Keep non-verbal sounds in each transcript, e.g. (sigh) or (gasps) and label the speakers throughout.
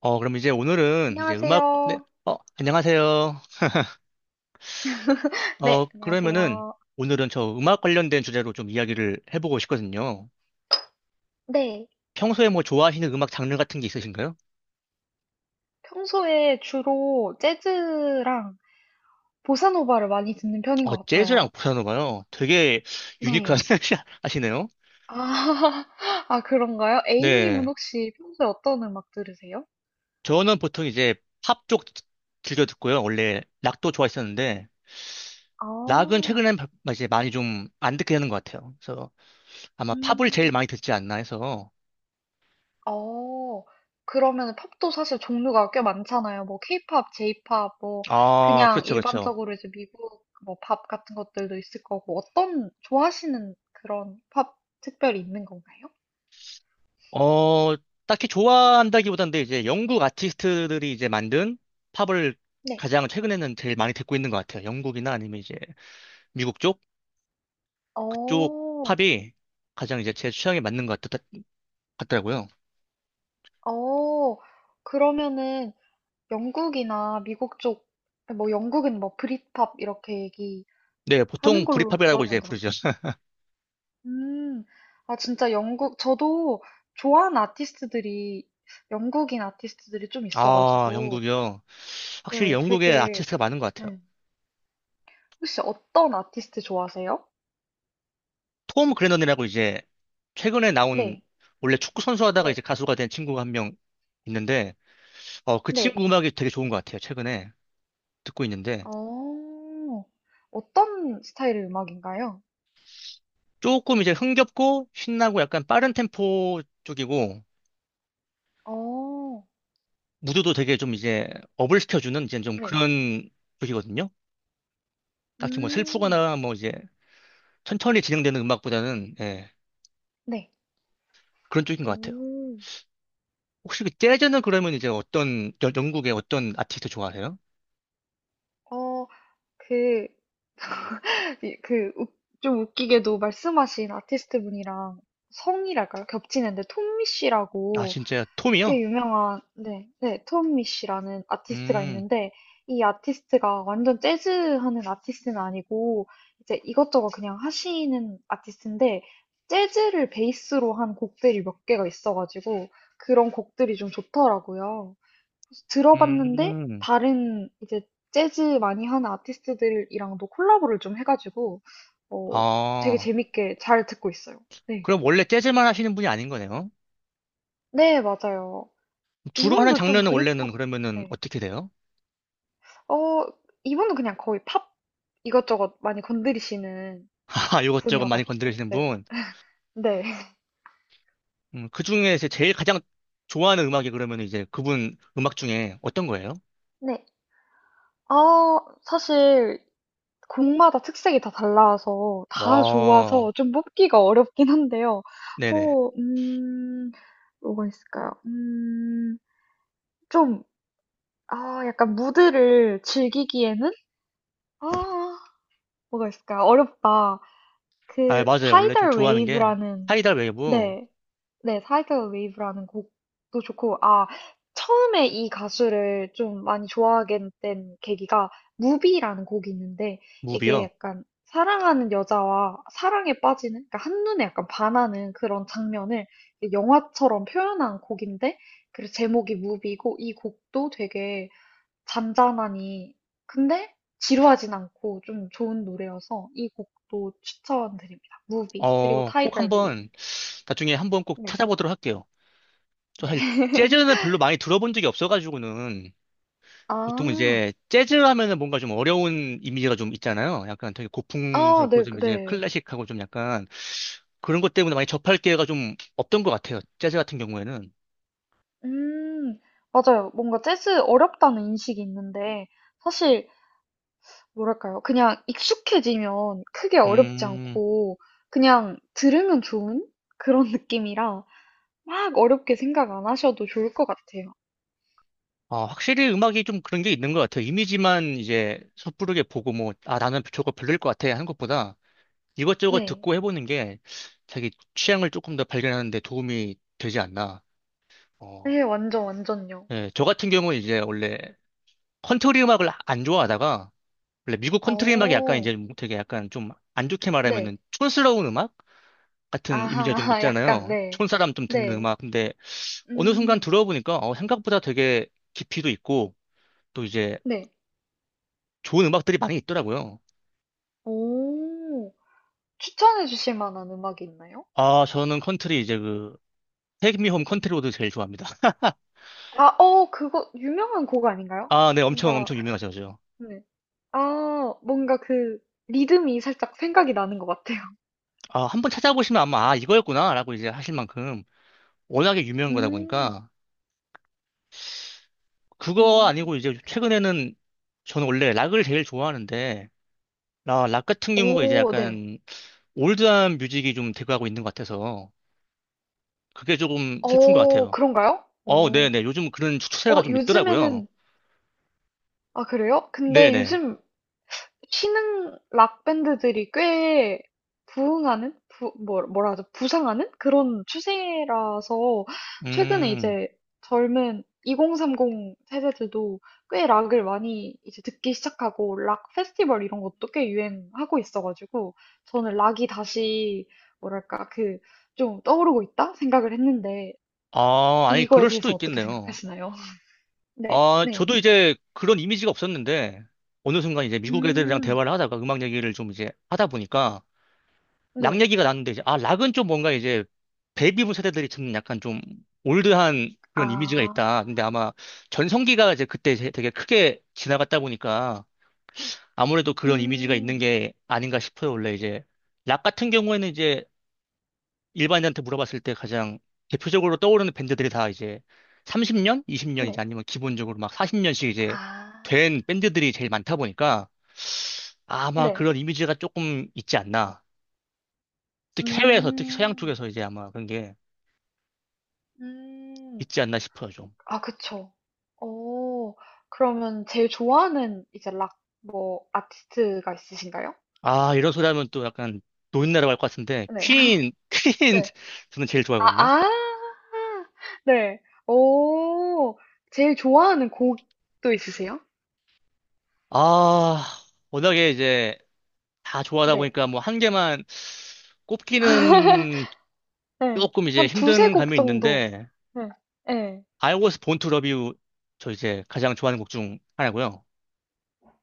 Speaker 1: 그럼 이제 오늘은 이제 음악, 네,
Speaker 2: 안녕하세요.
Speaker 1: 안녕하세요.
Speaker 2: 네,
Speaker 1: 그러면은
Speaker 2: 안녕하세요.
Speaker 1: 오늘은 저 음악 관련된 주제로 좀 이야기를 해보고 싶거든요.
Speaker 2: 네,
Speaker 1: 평소에 뭐 좋아하시는 음악 장르 같은 게 있으신가요?
Speaker 2: 평소에 주로 재즈랑 보사노바를 많이 듣는 편인 것
Speaker 1: 재즈랑
Speaker 2: 같아요.
Speaker 1: 보사노바요. 되게 유니크한
Speaker 2: 네.
Speaker 1: (laughs) 하시네요.
Speaker 2: 아, (laughs) 아, 그런가요? A님은
Speaker 1: 네.
Speaker 2: 혹시 평소에 어떤 음악 들으세요?
Speaker 1: 저는 보통 이제 팝 쪽 즐겨 듣고요. 원래 락도 좋아했었는데, 락은
Speaker 2: 아,
Speaker 1: 최근엔 이제 많이 좀 안 듣게 되는 것 같아요. 그래서 아마 팝을 제일
Speaker 2: 음,
Speaker 1: 많이 듣지 않나 해서.
Speaker 2: 어, 그러면 팝도 사실 종류가 꽤 많잖아요. 뭐, 케이팝, 제이팝, 뭐,
Speaker 1: 아,
Speaker 2: 그냥
Speaker 1: 그렇죠, 그렇죠.
Speaker 2: 일반적으로 이제 미국 뭐, 팝 같은 것들도 있을 거고, 어떤 좋아하시는 그런 팝 특별히 있는 건가요?
Speaker 1: 어, 딱히 좋아한다기보단 데 이제 영국 아티스트들이 이제 만든 팝을
Speaker 2: 네.
Speaker 1: 가장 최근에는 제일 많이 듣고 있는 것 같아요. 영국이나 아니면 이제 미국 쪽? 그쪽
Speaker 2: 어.
Speaker 1: 팝이 가장 이제 제 취향에 맞는 것 같더라고요.
Speaker 2: 어. 그러면은 영국이나 미국 쪽, 뭐 영국은 뭐 브릿팝 이렇게 얘기하는
Speaker 1: 네, 보통
Speaker 2: 걸로
Speaker 1: 브릿팝이라고 이제
Speaker 2: 들었는데. 맞나?
Speaker 1: 부르죠. (laughs)
Speaker 2: 음. 아, 진짜 영국, 저도 좋아하는 아티스트들이, 영국인 아티스트들이 좀
Speaker 1: 아,
Speaker 2: 있어가지고,
Speaker 1: 영국이요. 확실히
Speaker 2: 네,
Speaker 1: 영국에
Speaker 2: 되게,
Speaker 1: 아티스트가 많은 것 같아요.
Speaker 2: 음. 혹시 어떤 아티스트 좋아하세요?
Speaker 1: 톰 그레넌이라고 이제 최근에 나온
Speaker 2: 네,
Speaker 1: 원래 축구 선수 하다가 이제
Speaker 2: 네,
Speaker 1: 가수가 된 친구가 한 명 있는데, 그
Speaker 2: 네.
Speaker 1: 친구 음악이 되게 좋은 것 같아요. 최근에 듣고 있는데.
Speaker 2: 어, 어떤 스타일의 음악인가요?
Speaker 1: 조금 이제 흥겹고 신나고 약간 빠른 템포 쪽이고
Speaker 2: 어,
Speaker 1: 무드도 되게 좀 이제 업을 시켜주는 이제 좀
Speaker 2: 네.
Speaker 1: 그런 쪽이거든요. 딱히 뭐
Speaker 2: 음,
Speaker 1: 슬프거나 뭐 이제 천천히 진행되는 음악보다는 예,
Speaker 2: 네.
Speaker 1: 그런 쪽인 것 같아요.
Speaker 2: 오.
Speaker 1: 혹시 그 재즈는 그러면 이제 어떤 영국의 어떤 아티스트 좋아하세요?
Speaker 2: 어, 그, 이- 그, 웃- 좀 웃기게도 말씀하신 아티스트 분이랑 성이랄까요? 겹치는데, 톰미
Speaker 1: 아
Speaker 2: 씨라고
Speaker 1: 진짜
Speaker 2: 꽤
Speaker 1: 톰이요?
Speaker 2: 유명한, 네, 네, 톰미 씨라는 아티스트가
Speaker 1: 음,
Speaker 2: 있는데, 이 아티스트가 완전 재즈 하는 아티스트는 아니고, 이제 이것저것 그냥 하시는 아티스트인데, 재즈를 베이스로 한 곡들이 몇 개가 있어가지고, 그런 곡들이 좀 좋더라고요. 그래서 들어봤는데
Speaker 1: 음,
Speaker 2: 다른 이제 재즈 많이 하는 아티스트들이랑도 콜라보를 좀 해가지고 어, 되게
Speaker 1: 아
Speaker 2: 재밌게 잘 듣고 있어요. 네.
Speaker 1: 그럼 원래 재즈만 하시는 분이 아닌 거네요.
Speaker 2: 네, 맞아요.
Speaker 1: 주로 하는
Speaker 2: 이분도 좀
Speaker 1: 장르는 원래는
Speaker 2: 브릿팝,
Speaker 1: 그러면은
Speaker 2: 네.
Speaker 1: 어떻게 돼요?
Speaker 2: 어, 이분은 그냥 거의 팝 이것저것 많이 건드리시는
Speaker 1: (laughs) 아 이것저것 많이
Speaker 2: 분이어가지고,
Speaker 1: 건드리시는
Speaker 2: 네.
Speaker 1: 분.
Speaker 2: 네. (laughs)
Speaker 1: 그 중에 이제 제일 가장 좋아하는 음악이 그러면 이제 그분 음악 중에 어떤 거예요?
Speaker 2: 네. 사실 곡마다 특색이 다 달라서 다 좋아서
Speaker 1: 와,
Speaker 2: 좀 뽑기가 어렵긴 한데요.
Speaker 1: 네네.
Speaker 2: 어, 음, 뭐가 있을까요? 좀, 아, 약간 무드를 즐기기에는? 아, 뭐가 있을까요? 어렵다.
Speaker 1: 아,
Speaker 2: 그
Speaker 1: 맞아요. 원래 좀
Speaker 2: 타이덜
Speaker 1: 좋아하는 게
Speaker 2: 웨이브라는
Speaker 1: 하이달 웨이브
Speaker 2: 네. 네, 타이덜 웨이브라는 곡도 좋고 아, 처음에 이 가수를 좀 많이 좋아하게 된 계기가 무비라는 곡이 있는데 이게
Speaker 1: 무비요.
Speaker 2: 약간 사랑하는 여자와 사랑에 빠지는 그러니까 한눈에 약간 반하는 그런 장면을 영화처럼 표현한 곡인데 그래서 제목이 무비고 이 곡도 되게 잔잔하니 근데 지루하진 않고 좀 좋은 노래여서 이 곡도 추천드립니다. 무비 그리고
Speaker 1: 꼭
Speaker 2: 타이거 웨이브.
Speaker 1: 한번 나중에 한번 꼭
Speaker 2: 네.
Speaker 1: 찾아보도록 할게요. 저
Speaker 2: 네.
Speaker 1: 사실
Speaker 2: (laughs)
Speaker 1: 재즈는 별로 많이 들어본 적이 없어가지고는 보통
Speaker 2: 아.
Speaker 1: 이제 재즈 하면은 뭔가 좀 어려운 이미지가 좀 있잖아요. 약간 되게
Speaker 2: 아,
Speaker 1: 고풍스럽고
Speaker 2: 네,
Speaker 1: 좀 이제
Speaker 2: 네.
Speaker 1: 클래식하고 좀 약간 그런 것 때문에 많이 접할 기회가 좀 없던 것 같아요. 재즈 같은 경우에는.
Speaker 2: 음. 맞아요. 뭔가 재즈 어렵다는 인식이 있는데 사실 뭐랄까요? 그냥 익숙해지면 크게 어렵지
Speaker 1: 음.
Speaker 2: 않고 그냥 들으면 좋은 그런 느낌이라 막 어렵게 생각 안 하셔도 좋을 것 같아요.
Speaker 1: 아, 확실히 음악이 좀 그런 게 있는 것 같아요. 이미지만 이제 섣부르게 보고 뭐, 아, 나는 저거 별로일 것 같아 하는 것보다 이것저것
Speaker 2: 네.
Speaker 1: 듣고 해보는 게 자기 취향을 조금 더 발견하는 데 도움이 되지 않나. 어,
Speaker 2: 네, 완전 완전요.
Speaker 1: 예, 저 같은 경우는 이제 원래 컨트리 음악을 안 좋아하다가 원래 미국 컨트리 음악이 약간
Speaker 2: 어.
Speaker 1: 이제 뭐 되게 약간 좀 안 좋게
Speaker 2: 네.
Speaker 1: 말하면은 촌스러운 음악 같은 이미지가 좀
Speaker 2: 아하, (laughs) 약간,
Speaker 1: 있잖아요.
Speaker 2: 네.
Speaker 1: 촌사람 좀 듣는
Speaker 2: 네.
Speaker 1: 음악. 근데 어느 순간
Speaker 2: 음,
Speaker 1: 들어보니까 생각보다 되게 깊이도 있고 또 이제
Speaker 2: 네.
Speaker 1: 좋은 음악들이 많이 있더라고요.
Speaker 2: 오, 추천해 주실 만한 음악이 있나요?
Speaker 1: 아, 저는 컨트리 이제 그 테이크 미홈 컨트리 로드 제일 좋아합니다.
Speaker 2: 아, 어, 그거, 유명한 곡 아닌가요?
Speaker 1: 아, 네, 엄청
Speaker 2: 뭔가,
Speaker 1: 엄청 유명하죠, 죠
Speaker 2: 네. 아, 뭔가 그, 리듬이 살짝 생각이 나는 것 같아요.
Speaker 1: 아, 한번 찾아보시면 아마 아, 이거였구나라고 이제 하실 만큼 워낙에
Speaker 2: (laughs)
Speaker 1: 유명한 거다
Speaker 2: 음,
Speaker 1: 보니까 그거
Speaker 2: 음.
Speaker 1: 아니고 이제 최근에는 저는 원래 락을 제일 좋아하는데 락 같은 경우가 이제
Speaker 2: 오, 네.
Speaker 1: 약간 올드한 뮤직이 좀 대두하고 있는 것 같아서 그게 조금 슬픈 것
Speaker 2: 어,
Speaker 1: 같아요.
Speaker 2: 그런가요? 오.
Speaker 1: 네네, 요즘 그런 추세가
Speaker 2: 어,
Speaker 1: 좀 있더라고요.
Speaker 2: 요즘에는, 아, 그래요? 근데
Speaker 1: 네네.
Speaker 2: 요즘 신흥 락 밴드들이 꽤 부흥하는 부, 뭐, 뭐라 하죠? 부상하는 그런 추세라서 최근에
Speaker 1: 음,
Speaker 2: 이제 젊은 2030 세대들도 꽤 락을 많이 이제 듣기 시작하고 락 페스티벌 이런 것도 꽤 유행하고 있어가지고 저는 락이 다시 뭐랄까 그 좀 떠오르고 있다 생각을 했는데
Speaker 1: 아, 아니
Speaker 2: 이거에
Speaker 1: 그럴 수도
Speaker 2: 대해서 어떻게
Speaker 1: 있겠네요.
Speaker 2: 생각하시나요? (laughs) 네,
Speaker 1: 아,
Speaker 2: 네,
Speaker 1: 저도 이제 그런 이미지가 없었는데, 어느 순간 이제 미국 애들이랑
Speaker 2: 음,
Speaker 1: 대화를 하다가 음악 얘기를 좀 이제 하다 보니까, 락
Speaker 2: 네,
Speaker 1: 얘기가 나는데, 이제, 아, 락은 좀 뭔가 이제, 베이비붐 세대들이 듣는 약간 좀 올드한 그런 이미지가
Speaker 2: 아,
Speaker 1: 있다. 근데 아마 전성기가 이제 그때 되게 크게 지나갔다 보니까, 아무래도 그런 이미지가
Speaker 2: 음.
Speaker 1: 있는 게 아닌가 싶어요. 원래 이제, 락 같은 경우에는 이제, 일반인한테 물어봤을 때 가장 대표적으로 떠오르는 밴드들이 다 이제 30년, 20년 이제
Speaker 2: 네.
Speaker 1: 아니면 기본적으로 막 40년씩 이제
Speaker 2: 아.
Speaker 1: 된 밴드들이 제일 많다 보니까 아마
Speaker 2: 네.
Speaker 1: 그런 이미지가 조금 있지 않나. 특히 해외에서, 특히 서양
Speaker 2: 음.
Speaker 1: 쪽에서 이제 아마 그런 게
Speaker 2: 음.
Speaker 1: 있지 않나 싶어요, 좀.
Speaker 2: 아 그쵸. 오. 그러면 제일 좋아하는 이제 락 뭐 아티스트가 있으신가요?
Speaker 1: 아, 이런 소리 하면 또 약간 노인나라 할것 같은데,
Speaker 2: 네.
Speaker 1: 퀸,
Speaker 2: (laughs)
Speaker 1: (laughs) 퀸,
Speaker 2: 네.
Speaker 1: 저는 제일
Speaker 2: 아
Speaker 1: 좋아하거든요.
Speaker 2: 아. 네. 오오. 제일 좋아하는 곡도 있으세요?
Speaker 1: 아, 워낙에 이제 다 좋아하다
Speaker 2: 네.
Speaker 1: 보니까 뭐 한 개만 꼽기는
Speaker 2: 네
Speaker 1: 조금 이제
Speaker 2: 한 두세
Speaker 1: 힘든
Speaker 2: 곡
Speaker 1: 감이
Speaker 2: 정도.
Speaker 1: 있는데,
Speaker 2: 네. 네
Speaker 1: i o 스 본투 러비우 저 이제 가장 좋아하는 곡 중 하나고요.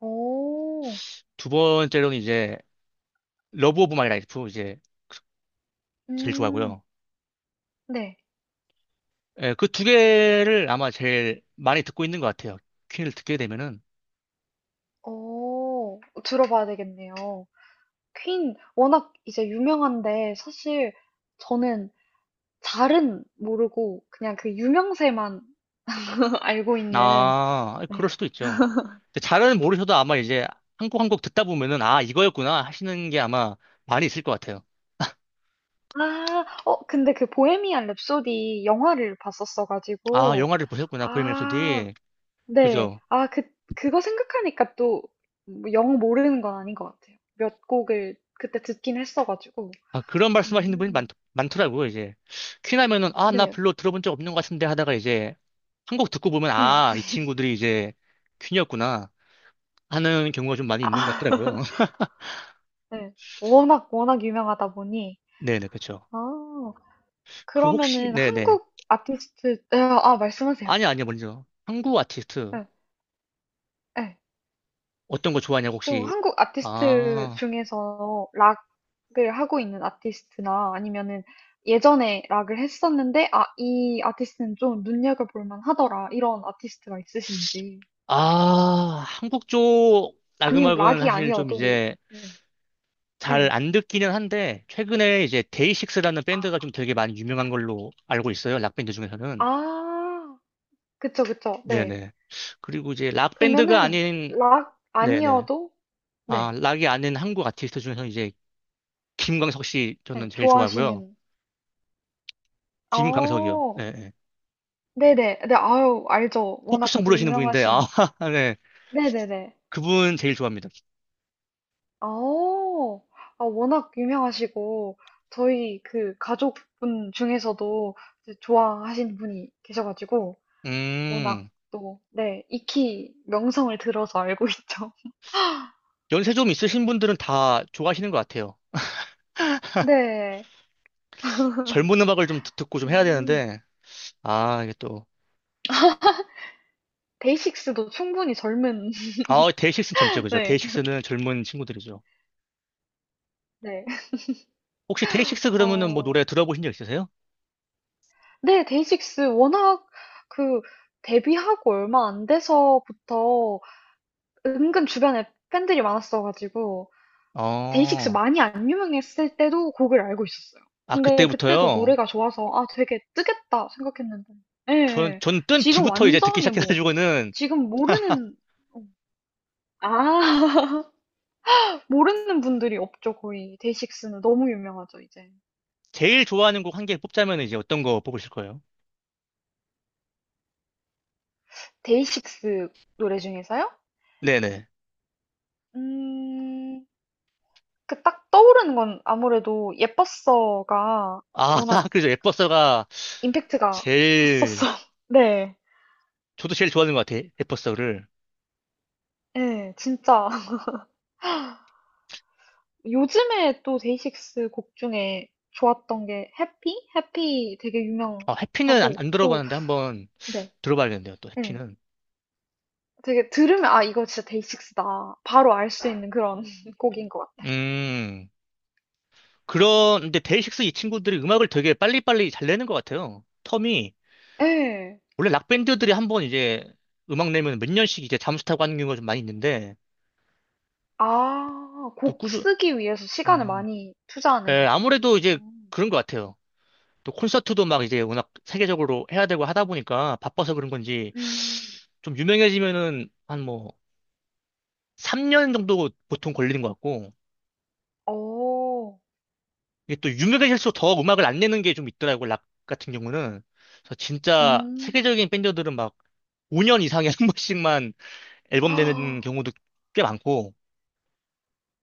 Speaker 2: 오
Speaker 1: 두 번째로는 이제 러브 오브 마이 라이프 이제 제일
Speaker 2: 음.
Speaker 1: 좋아하고요.
Speaker 2: 네.
Speaker 1: 예, 그 두 개를 아마 제일 많이 듣고 있는 것 같아요. 퀸을 듣게 되면은
Speaker 2: 오오. 들어봐야 되겠네요. 퀸 워낙 이제 유명한데 사실 저는 잘은 모르고 그냥 그 유명세만 (laughs) 알고 있는
Speaker 1: 아 그럴
Speaker 2: 네.
Speaker 1: 수도 있죠. 근데 잘은 모르셔도 아마 이제 한 곡 한 곡 듣다 보면은 아 이거였구나 하시는 게 아마 많이 있을 것 같아요.
Speaker 2: 아, 근데 그 보헤미안 랩소디 영화를 봤었어
Speaker 1: 아
Speaker 2: 가지고
Speaker 1: 영화를 보셨구나 보헤미안
Speaker 2: 아,
Speaker 1: 랩소디
Speaker 2: 네.
Speaker 1: 그죠?
Speaker 2: 아, 그 그거 생각하니까 또 영 모르는 건 아닌 것 같아요. 몇 곡을 그때 듣긴 했어 가지고.
Speaker 1: 아, 그런 말씀하시는 분이 많,
Speaker 2: 음.
Speaker 1: 많더라고요, 이제. 퀸 하면은, 아, 나
Speaker 2: 네.
Speaker 1: 별로 들어본 적 없는 것 같은데 하다가 이제, 한 곡 듣고 보면,
Speaker 2: 네.
Speaker 1: 아, 이 친구들이 이제 퀸이었구나 하는 경우가 좀 많이 있는 것 같더라고요.
Speaker 2: 아, (laughs)
Speaker 1: (laughs)
Speaker 2: 네. 워낙 워낙 유명하다 보니
Speaker 1: 네네, 그쵸.
Speaker 2: 아.
Speaker 1: 그 혹시,
Speaker 2: 그러면은
Speaker 1: 네네.
Speaker 2: 한국 아티스트 예 아 말씀하세요.
Speaker 1: 아니, 아니요, 먼저. 한국 아티스트,
Speaker 2: 예. 예.
Speaker 1: 어떤 거 좋아하냐고,
Speaker 2: 좀
Speaker 1: 혹시.
Speaker 2: 한국 아티스트
Speaker 1: 아,
Speaker 2: 중에서 락을 하고 있는 아티스트나 아니면은 예전에 락을 했었는데 '아 이 아티스트는 좀 눈여겨 볼 만하더라.' 이런 아티스트가 있으신지.
Speaker 1: 아, 한국 쪽
Speaker 2: 아니면
Speaker 1: 나그막은
Speaker 2: 락이
Speaker 1: 사실 좀
Speaker 2: 아니어도
Speaker 1: 이제
Speaker 2: 네.
Speaker 1: 잘
Speaker 2: 네.
Speaker 1: 안 듣기는 한데, 최근에 이제 데이식스라는 밴드가
Speaker 2: 아
Speaker 1: 좀 되게 많이 유명한 걸로 알고 있어요, 락밴드 중에서는.
Speaker 2: 아. 그쵸, 그쵸. 네.
Speaker 1: 네네. 그리고 이제 락 밴드가
Speaker 2: 그러면은
Speaker 1: 아닌
Speaker 2: 락
Speaker 1: 네네.
Speaker 2: 아니어도
Speaker 1: 아,
Speaker 2: 네.
Speaker 1: 락이 아닌 한국 아티스트 중에서 이제 김광석 씨
Speaker 2: 네
Speaker 1: 저는 제일 좋아하고요.
Speaker 2: 좋아하시는
Speaker 1: 김광석이요.
Speaker 2: 어.
Speaker 1: 네. 네.
Speaker 2: 네네. 네, 아유, 알죠. 워낙
Speaker 1: 포크송
Speaker 2: 또
Speaker 1: 부르시는 분인데 아,
Speaker 2: 유명하신.
Speaker 1: (laughs) 네.
Speaker 2: 네네네.
Speaker 1: 그분 제일 좋아합니다.
Speaker 2: 어, 아, 워낙 유명하시고, 저희 그 가족분 중에서도 이제 좋아하시는 분이 계셔가지고, 워낙
Speaker 1: 음.
Speaker 2: 또, 네, 익히 명성을 들어서 알고 (laughs) 있죠.
Speaker 1: 연세 좀 있으신 분들은 다 좋아하시는 것 같아요.
Speaker 2: 네.
Speaker 1: 젊은 음악을 좀 듣고 좀 해야
Speaker 2: 음,
Speaker 1: 되는데 아, 이게 또
Speaker 2: 데이식스도 충분히 젊은,
Speaker 1: 아, 데이식스는 젊죠.
Speaker 2: (laughs)
Speaker 1: 그죠?
Speaker 2: 네,
Speaker 1: 데이식스는 젊은 친구들이죠.
Speaker 2: 네.
Speaker 1: 혹시 데이식스 그러면은 뭐
Speaker 2: 어,
Speaker 1: 노래 들어보신 적 있으세요?
Speaker 2: 네, 데이식스 워낙 그 데뷔하고 얼마 안 돼서부터 은근 주변에 팬들이 많았어가지고 데이식스
Speaker 1: 어.
Speaker 2: 많이 안 유명했을 때도 곡을 알고 있었어요.
Speaker 1: 아,
Speaker 2: 근데 그때도
Speaker 1: 그때부터요?
Speaker 2: 노래가 좋아서 아 되게 뜨겠다 생각했는데 예,
Speaker 1: 전,
Speaker 2: 예.
Speaker 1: 전뜬
Speaker 2: 지금
Speaker 1: 뒤부터 이제 듣기
Speaker 2: 완전히 뭐
Speaker 1: 시작해가지고는
Speaker 2: 지금 모르는 어, 아 (laughs) 모르는 분들이 없죠 거의 데이식스는 너무 유명하죠 이제
Speaker 1: 제일 좋아하는 곡 한 개 뽑자면 이제 어떤 거 뽑으실 거예요?
Speaker 2: 데이식스 노래 중에서요?
Speaker 1: 네네.
Speaker 2: 음, 그 딱 떠오르는 건 아무래도 예뻤어가
Speaker 1: 아, (laughs)
Speaker 2: 워낙
Speaker 1: 그래서 에버서가
Speaker 2: 임팩트가 컸었어.
Speaker 1: 제일,
Speaker 2: (laughs) 네.
Speaker 1: 저도 제일 좋아하는 것 같아요. 에버서를.
Speaker 2: 예. 진짜 (laughs) 요즘에 또 데이식스 곡 중에 좋았던 게 해피? 해피 되게
Speaker 1: 아, 해피는 안,
Speaker 2: 유명하고
Speaker 1: 안
Speaker 2: 또
Speaker 1: 들어봤는데 한번
Speaker 2: 네.
Speaker 1: 들어봐야겠는데요, 또
Speaker 2: 예.
Speaker 1: 해피는.
Speaker 2: 되게 들으면 '아 이거 진짜 데이식스다.' 바로 알 수 있는 그런 (laughs) 곡인 것 같아요.
Speaker 1: 음, 그런, 데 데이식스 이 친구들이 음악을 되게 빨리빨리 잘 내는 것 같아요. 텀이.
Speaker 2: 예.
Speaker 1: 원래 락밴드들이 한번 이제 음악 내면 몇 년씩 이제 잠수 타고 하는 경우가 좀 많이 있는데,
Speaker 2: 아
Speaker 1: 또
Speaker 2: 곡
Speaker 1: 꾸준,
Speaker 2: 쓰기 위해서 시간을
Speaker 1: 음,
Speaker 2: 많이 투자하는
Speaker 1: 예,
Speaker 2: 건가요?
Speaker 1: 아무래도 이제
Speaker 2: 음.
Speaker 1: 그런 것 같아요. 또 콘서트도 막 이제 워낙 세계적으로 해야 되고 하다 보니까 바빠서 그런 건지
Speaker 2: 음.
Speaker 1: 좀 유명해지면은 한 뭐 3년 정도 보통 걸리는 것 같고
Speaker 2: 어.
Speaker 1: 이게 또 유명해질수록 더 음악을 안 내는 게 좀 있더라고 락 같은 경우는 그래서 진짜
Speaker 2: 음.
Speaker 1: 세계적인 밴드들은 막 5년 이상에 한 번씩만 앨범 내는 경우도
Speaker 2: (gasps)
Speaker 1: 꽤 많고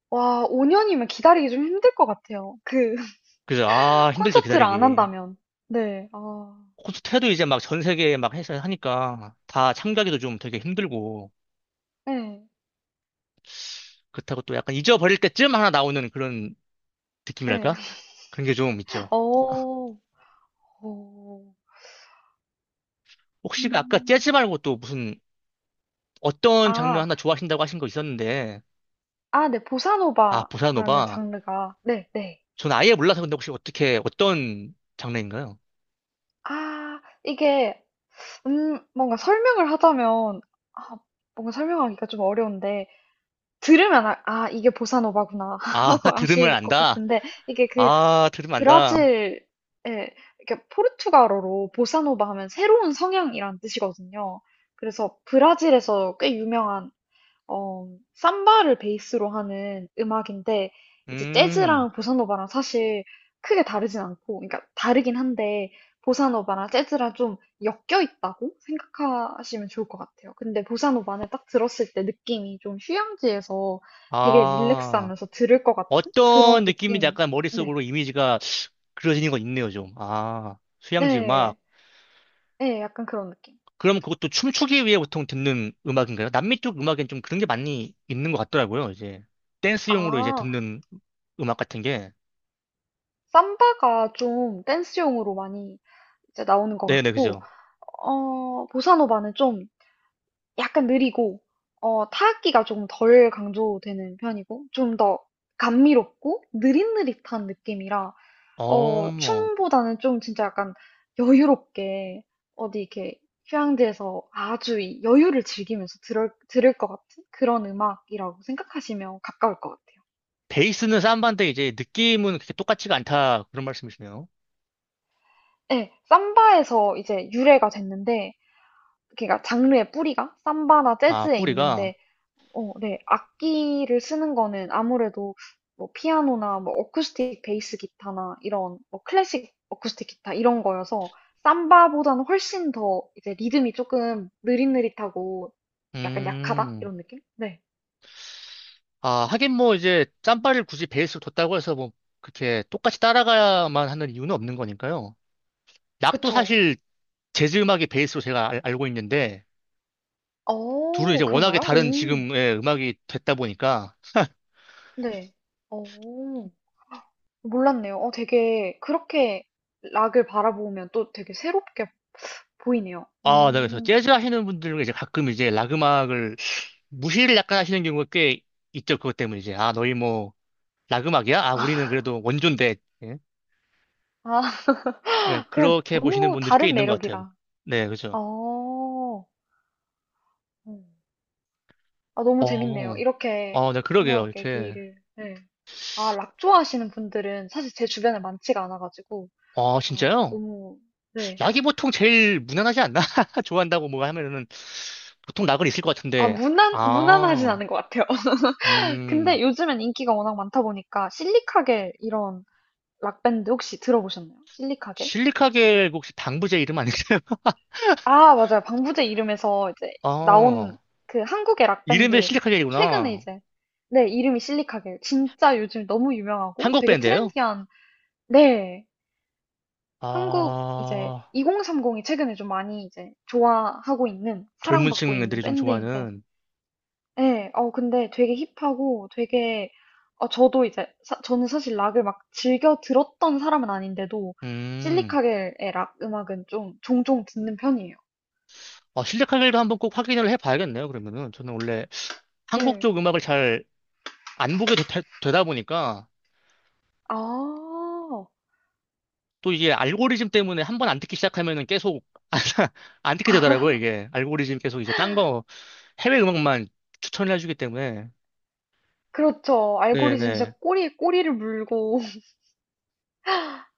Speaker 2: 와 5 년이면 기다리기 좀 힘들 것 같아요. 그 (laughs)
Speaker 1: 그래서 아 힘들죠
Speaker 2: 콘서트를 안
Speaker 1: 기다리기
Speaker 2: 한다면. 네. 아.
Speaker 1: 콘서트 해도 이제 막 전 세계에 막 해서 하니까 다 참가하기도 좀 되게 힘들고
Speaker 2: 네,
Speaker 1: 그렇다고 또 약간 잊어버릴 때쯤 하나 나오는 그런
Speaker 2: 네,
Speaker 1: 느낌이랄까? 그런 게 좀
Speaker 2: (laughs)
Speaker 1: 있죠.
Speaker 2: 어. 어.
Speaker 1: 혹시 그 아까 재즈
Speaker 2: 음.
Speaker 1: 말고 또 무슨 어떤 장르
Speaker 2: 아.
Speaker 1: 하나 좋아하신다고 하신 거 있었는데,
Speaker 2: 아 네.
Speaker 1: 아,
Speaker 2: 보사노바라는
Speaker 1: 보사노바.
Speaker 2: 장르가 네 네.
Speaker 1: 전 아예 몰라서 근데 혹시 어떻게, 어떤 장르인가요?
Speaker 2: 아 이게 뭔가 설명을 하자면 아 뭔가 설명하기가 좀 어려운데 들으면 아 '아 이게 보사노바구나.' (laughs)
Speaker 1: 아, (laughs)
Speaker 2: 하고
Speaker 1: 들으면
Speaker 2: 아실 것
Speaker 1: 안다.
Speaker 2: 같은데 이게 그
Speaker 1: 아, 들으면 안다.
Speaker 2: 브라질에 이렇게 포르투갈어로 보사노바 하면 새로운 성향이라는 뜻이거든요. 그래서 브라질에서 꽤 유명한 어, 삼바를 베이스로 하는 음악인데, 이제
Speaker 1: 음,
Speaker 2: 재즈랑 보사노바랑 사실 크게 다르진 않고, 그러니까 다르긴 한데, 보사노바랑 재즈랑 좀 엮여 있다고 생각하시면 좋을 것 같아요. 근데 보사노바는 딱 들었을 때 느낌이 좀 휴양지에서 되게
Speaker 1: 아,
Speaker 2: 릴렉스하면서 들을 것 같은
Speaker 1: 어떤
Speaker 2: 그런
Speaker 1: 느낌인지
Speaker 2: 느낌.
Speaker 1: 약간
Speaker 2: 네,
Speaker 1: 머릿속으로 이미지가 그려지는 건 있네요, 좀. 아, 휴양지 음악.
Speaker 2: 네, 네, 약간 그런 느낌.
Speaker 1: 그럼 그것도 춤추기 위해 보통 듣는 음악인가요? 남미 쪽 음악엔 좀 그런 게 많이 있는 것 같더라고요. 이제 댄스용으로 이제
Speaker 2: 아,
Speaker 1: 듣는 음악 같은 게.
Speaker 2: 삼바가 좀 댄스용으로 많이 이제 나오는 것
Speaker 1: 네네,
Speaker 2: 같고,
Speaker 1: 그죠.
Speaker 2: 보사노바는 좀 약간 느리고, 타악기가 조금 덜 강조되는 편이고, 좀 더 감미롭고, 느릿느릿한 느낌이라,
Speaker 1: 어,
Speaker 2: 춤보다는 좀 진짜 약간 여유롭게, 어디 이렇게 휴양지에서 아주 이 여유를 즐기면서 들을 것 같은 그런 음악이라고 생각하시면 가까울 것 같아요.
Speaker 1: 베이스는 삼바인데 이제 느낌은 그렇게 똑같지가 않다. 그런 말씀이시네요.
Speaker 2: 네, 삼바에서 이제 유래가 됐는데, 그러니까 장르의 뿌리가 삼바나
Speaker 1: 아,
Speaker 2: 재즈에
Speaker 1: 뿌리가.
Speaker 2: 있는데 어, 네. 악기를 쓰는 거는 아무래도 뭐 피아노나 뭐 어쿠스틱 베이스 기타나 이런 뭐 클래식 어쿠스틱 기타 이런 거여서 삼바보다는 훨씬 더 이제 리듬이 조금 느릿느릿하고 약간 약하다?
Speaker 1: 음,
Speaker 2: 이런 느낌? 네.
Speaker 1: 아, 하긴 뭐 이제 짬바를 굳이 베이스로 뒀다고 해서 뭐 그렇게 똑같이 따라가야만 하는 이유는 없는 거니까요. 락도
Speaker 2: 그쵸.
Speaker 1: 사실 재즈 음악이 베이스로 제가 알고 있는데 둘은 이제
Speaker 2: 어,
Speaker 1: 워낙에
Speaker 2: 그런가요?
Speaker 1: 다른
Speaker 2: 오.
Speaker 1: 지금의 음악이 됐다 보니까
Speaker 2: 네. 어. 몰랐네요. 어 되게 그렇게 락을 바라보면 또 되게 새롭게 보이네요.
Speaker 1: 아, 네, 그래서
Speaker 2: 음.
Speaker 1: 재즈 하시는 분들은 이제 가끔 이제 락 음악을 무시를 약간 하시는 경우가 꽤 있죠. 그것 때문에 이제, 아, 너희 뭐, 락 음악이야? 아, 우리는 그래도 원조인데. 예?
Speaker 2: 아
Speaker 1: 예,
Speaker 2: (laughs) 그냥
Speaker 1: 그렇게 보시는
Speaker 2: 너무
Speaker 1: 분들이 꽤
Speaker 2: 다른
Speaker 1: 있는 것
Speaker 2: 매력이라.
Speaker 1: 같아요.
Speaker 2: 아.
Speaker 1: 네, 그죠.
Speaker 2: 어. 음. 아 너무 재밌네요.
Speaker 1: 어,
Speaker 2: 이렇게
Speaker 1: 네, 그러게요.
Speaker 2: 음악
Speaker 1: 이렇게.
Speaker 2: 얘기를 네. 아 락 좋아하시는 분들은 사실 제 주변에 많지가 않아 가지고
Speaker 1: 아,
Speaker 2: 아
Speaker 1: 진짜요?
Speaker 2: 너무 네.
Speaker 1: 락이 보통 제일 무난하지 않나? (laughs) 좋아한다고 뭐 하면은 보통 락은 있을 것
Speaker 2: 아
Speaker 1: 같은데.
Speaker 2: 무난하진
Speaker 1: 아,
Speaker 2: 않은 것 같아요. (laughs)
Speaker 1: 음.
Speaker 2: 근데 요즘엔 인기가 워낙 많다 보니까 실리카겔 이런 락밴드 혹시 들어보셨나요? 실리카겔?
Speaker 1: 실리카겔 혹시 방부제 이름 아니세요? (laughs)
Speaker 2: 아, 맞아요. 방부제 이름에서 이제 나온
Speaker 1: 아,
Speaker 2: 그 한국의
Speaker 1: 이름에
Speaker 2: 락밴드 최근에
Speaker 1: 실리카겔이구나.
Speaker 2: 이제 네, 이름이 실리카겔. 진짜 요즘 너무 유명하고
Speaker 1: 한국
Speaker 2: 되게
Speaker 1: 밴드예요?
Speaker 2: 트렌디한 네, 한국 이제
Speaker 1: 아,
Speaker 2: 2030이 최근에 좀 많이 이제 좋아하고 있는
Speaker 1: 젊은
Speaker 2: 사랑받고
Speaker 1: 층 애들이
Speaker 2: 있는
Speaker 1: 좀
Speaker 2: 밴드인데
Speaker 1: 좋아하는.
Speaker 2: 네, 어, 근데 되게 힙하고 되게, 저도 이제, 저는 사실 락을 막 즐겨 들었던 사람은 아닌데도,
Speaker 1: 음.
Speaker 2: 실리카겔의 락 음악은 좀 종종 듣는 편이에요.
Speaker 1: 아, 실력하기도 한번 꼭 확인을 해봐야겠네요, 그러면은. 저는 원래 한국
Speaker 2: 네.
Speaker 1: 쪽 음악을 잘 안 보게 되다 보니까
Speaker 2: 아,
Speaker 1: 또 이게 알고리즘 때문에 한번 안 듣기 시작하면은 계속 (laughs) 안, 듣게 되더라고요, 이게. 알고리즘 계속 이제 딴 거, 해외 음악만 추천을 해주기 때문에.
Speaker 2: 그렇죠. 알고리즘 진짜
Speaker 1: 네네.
Speaker 2: 꼬리에 꼬리를 물고. (laughs)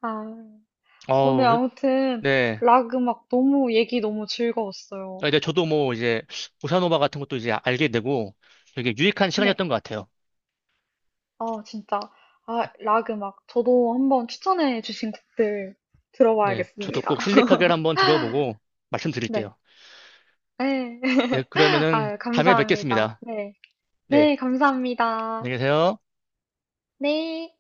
Speaker 2: 아, 오늘
Speaker 1: 어,
Speaker 2: 아무튼
Speaker 1: 네.
Speaker 2: 락 음악 너무 얘기 너무 즐거웠어요.
Speaker 1: 아, 네, 저도 뭐 이제 보사노바 같은 것도 이제 알게 되고 되게 유익한
Speaker 2: 네.
Speaker 1: 시간이었던 것 같아요.
Speaker 2: 아, 진짜. 아, 락 음악. 저도 한번 추천해 주신 곡들
Speaker 1: 네, 저도
Speaker 2: 들어봐야겠습니다.
Speaker 1: 꼭
Speaker 2: (laughs)
Speaker 1: 실리카겔 한번 들어보고
Speaker 2: 네.
Speaker 1: 말씀드릴게요.
Speaker 2: 네.
Speaker 1: 네, 그러면은
Speaker 2: 아유,
Speaker 1: 다음에
Speaker 2: 감사합니다.
Speaker 1: 뵙겠습니다.
Speaker 2: 네.
Speaker 1: 네,
Speaker 2: 네, 감사합니다.
Speaker 1: 안녕히 계세요.
Speaker 2: 네.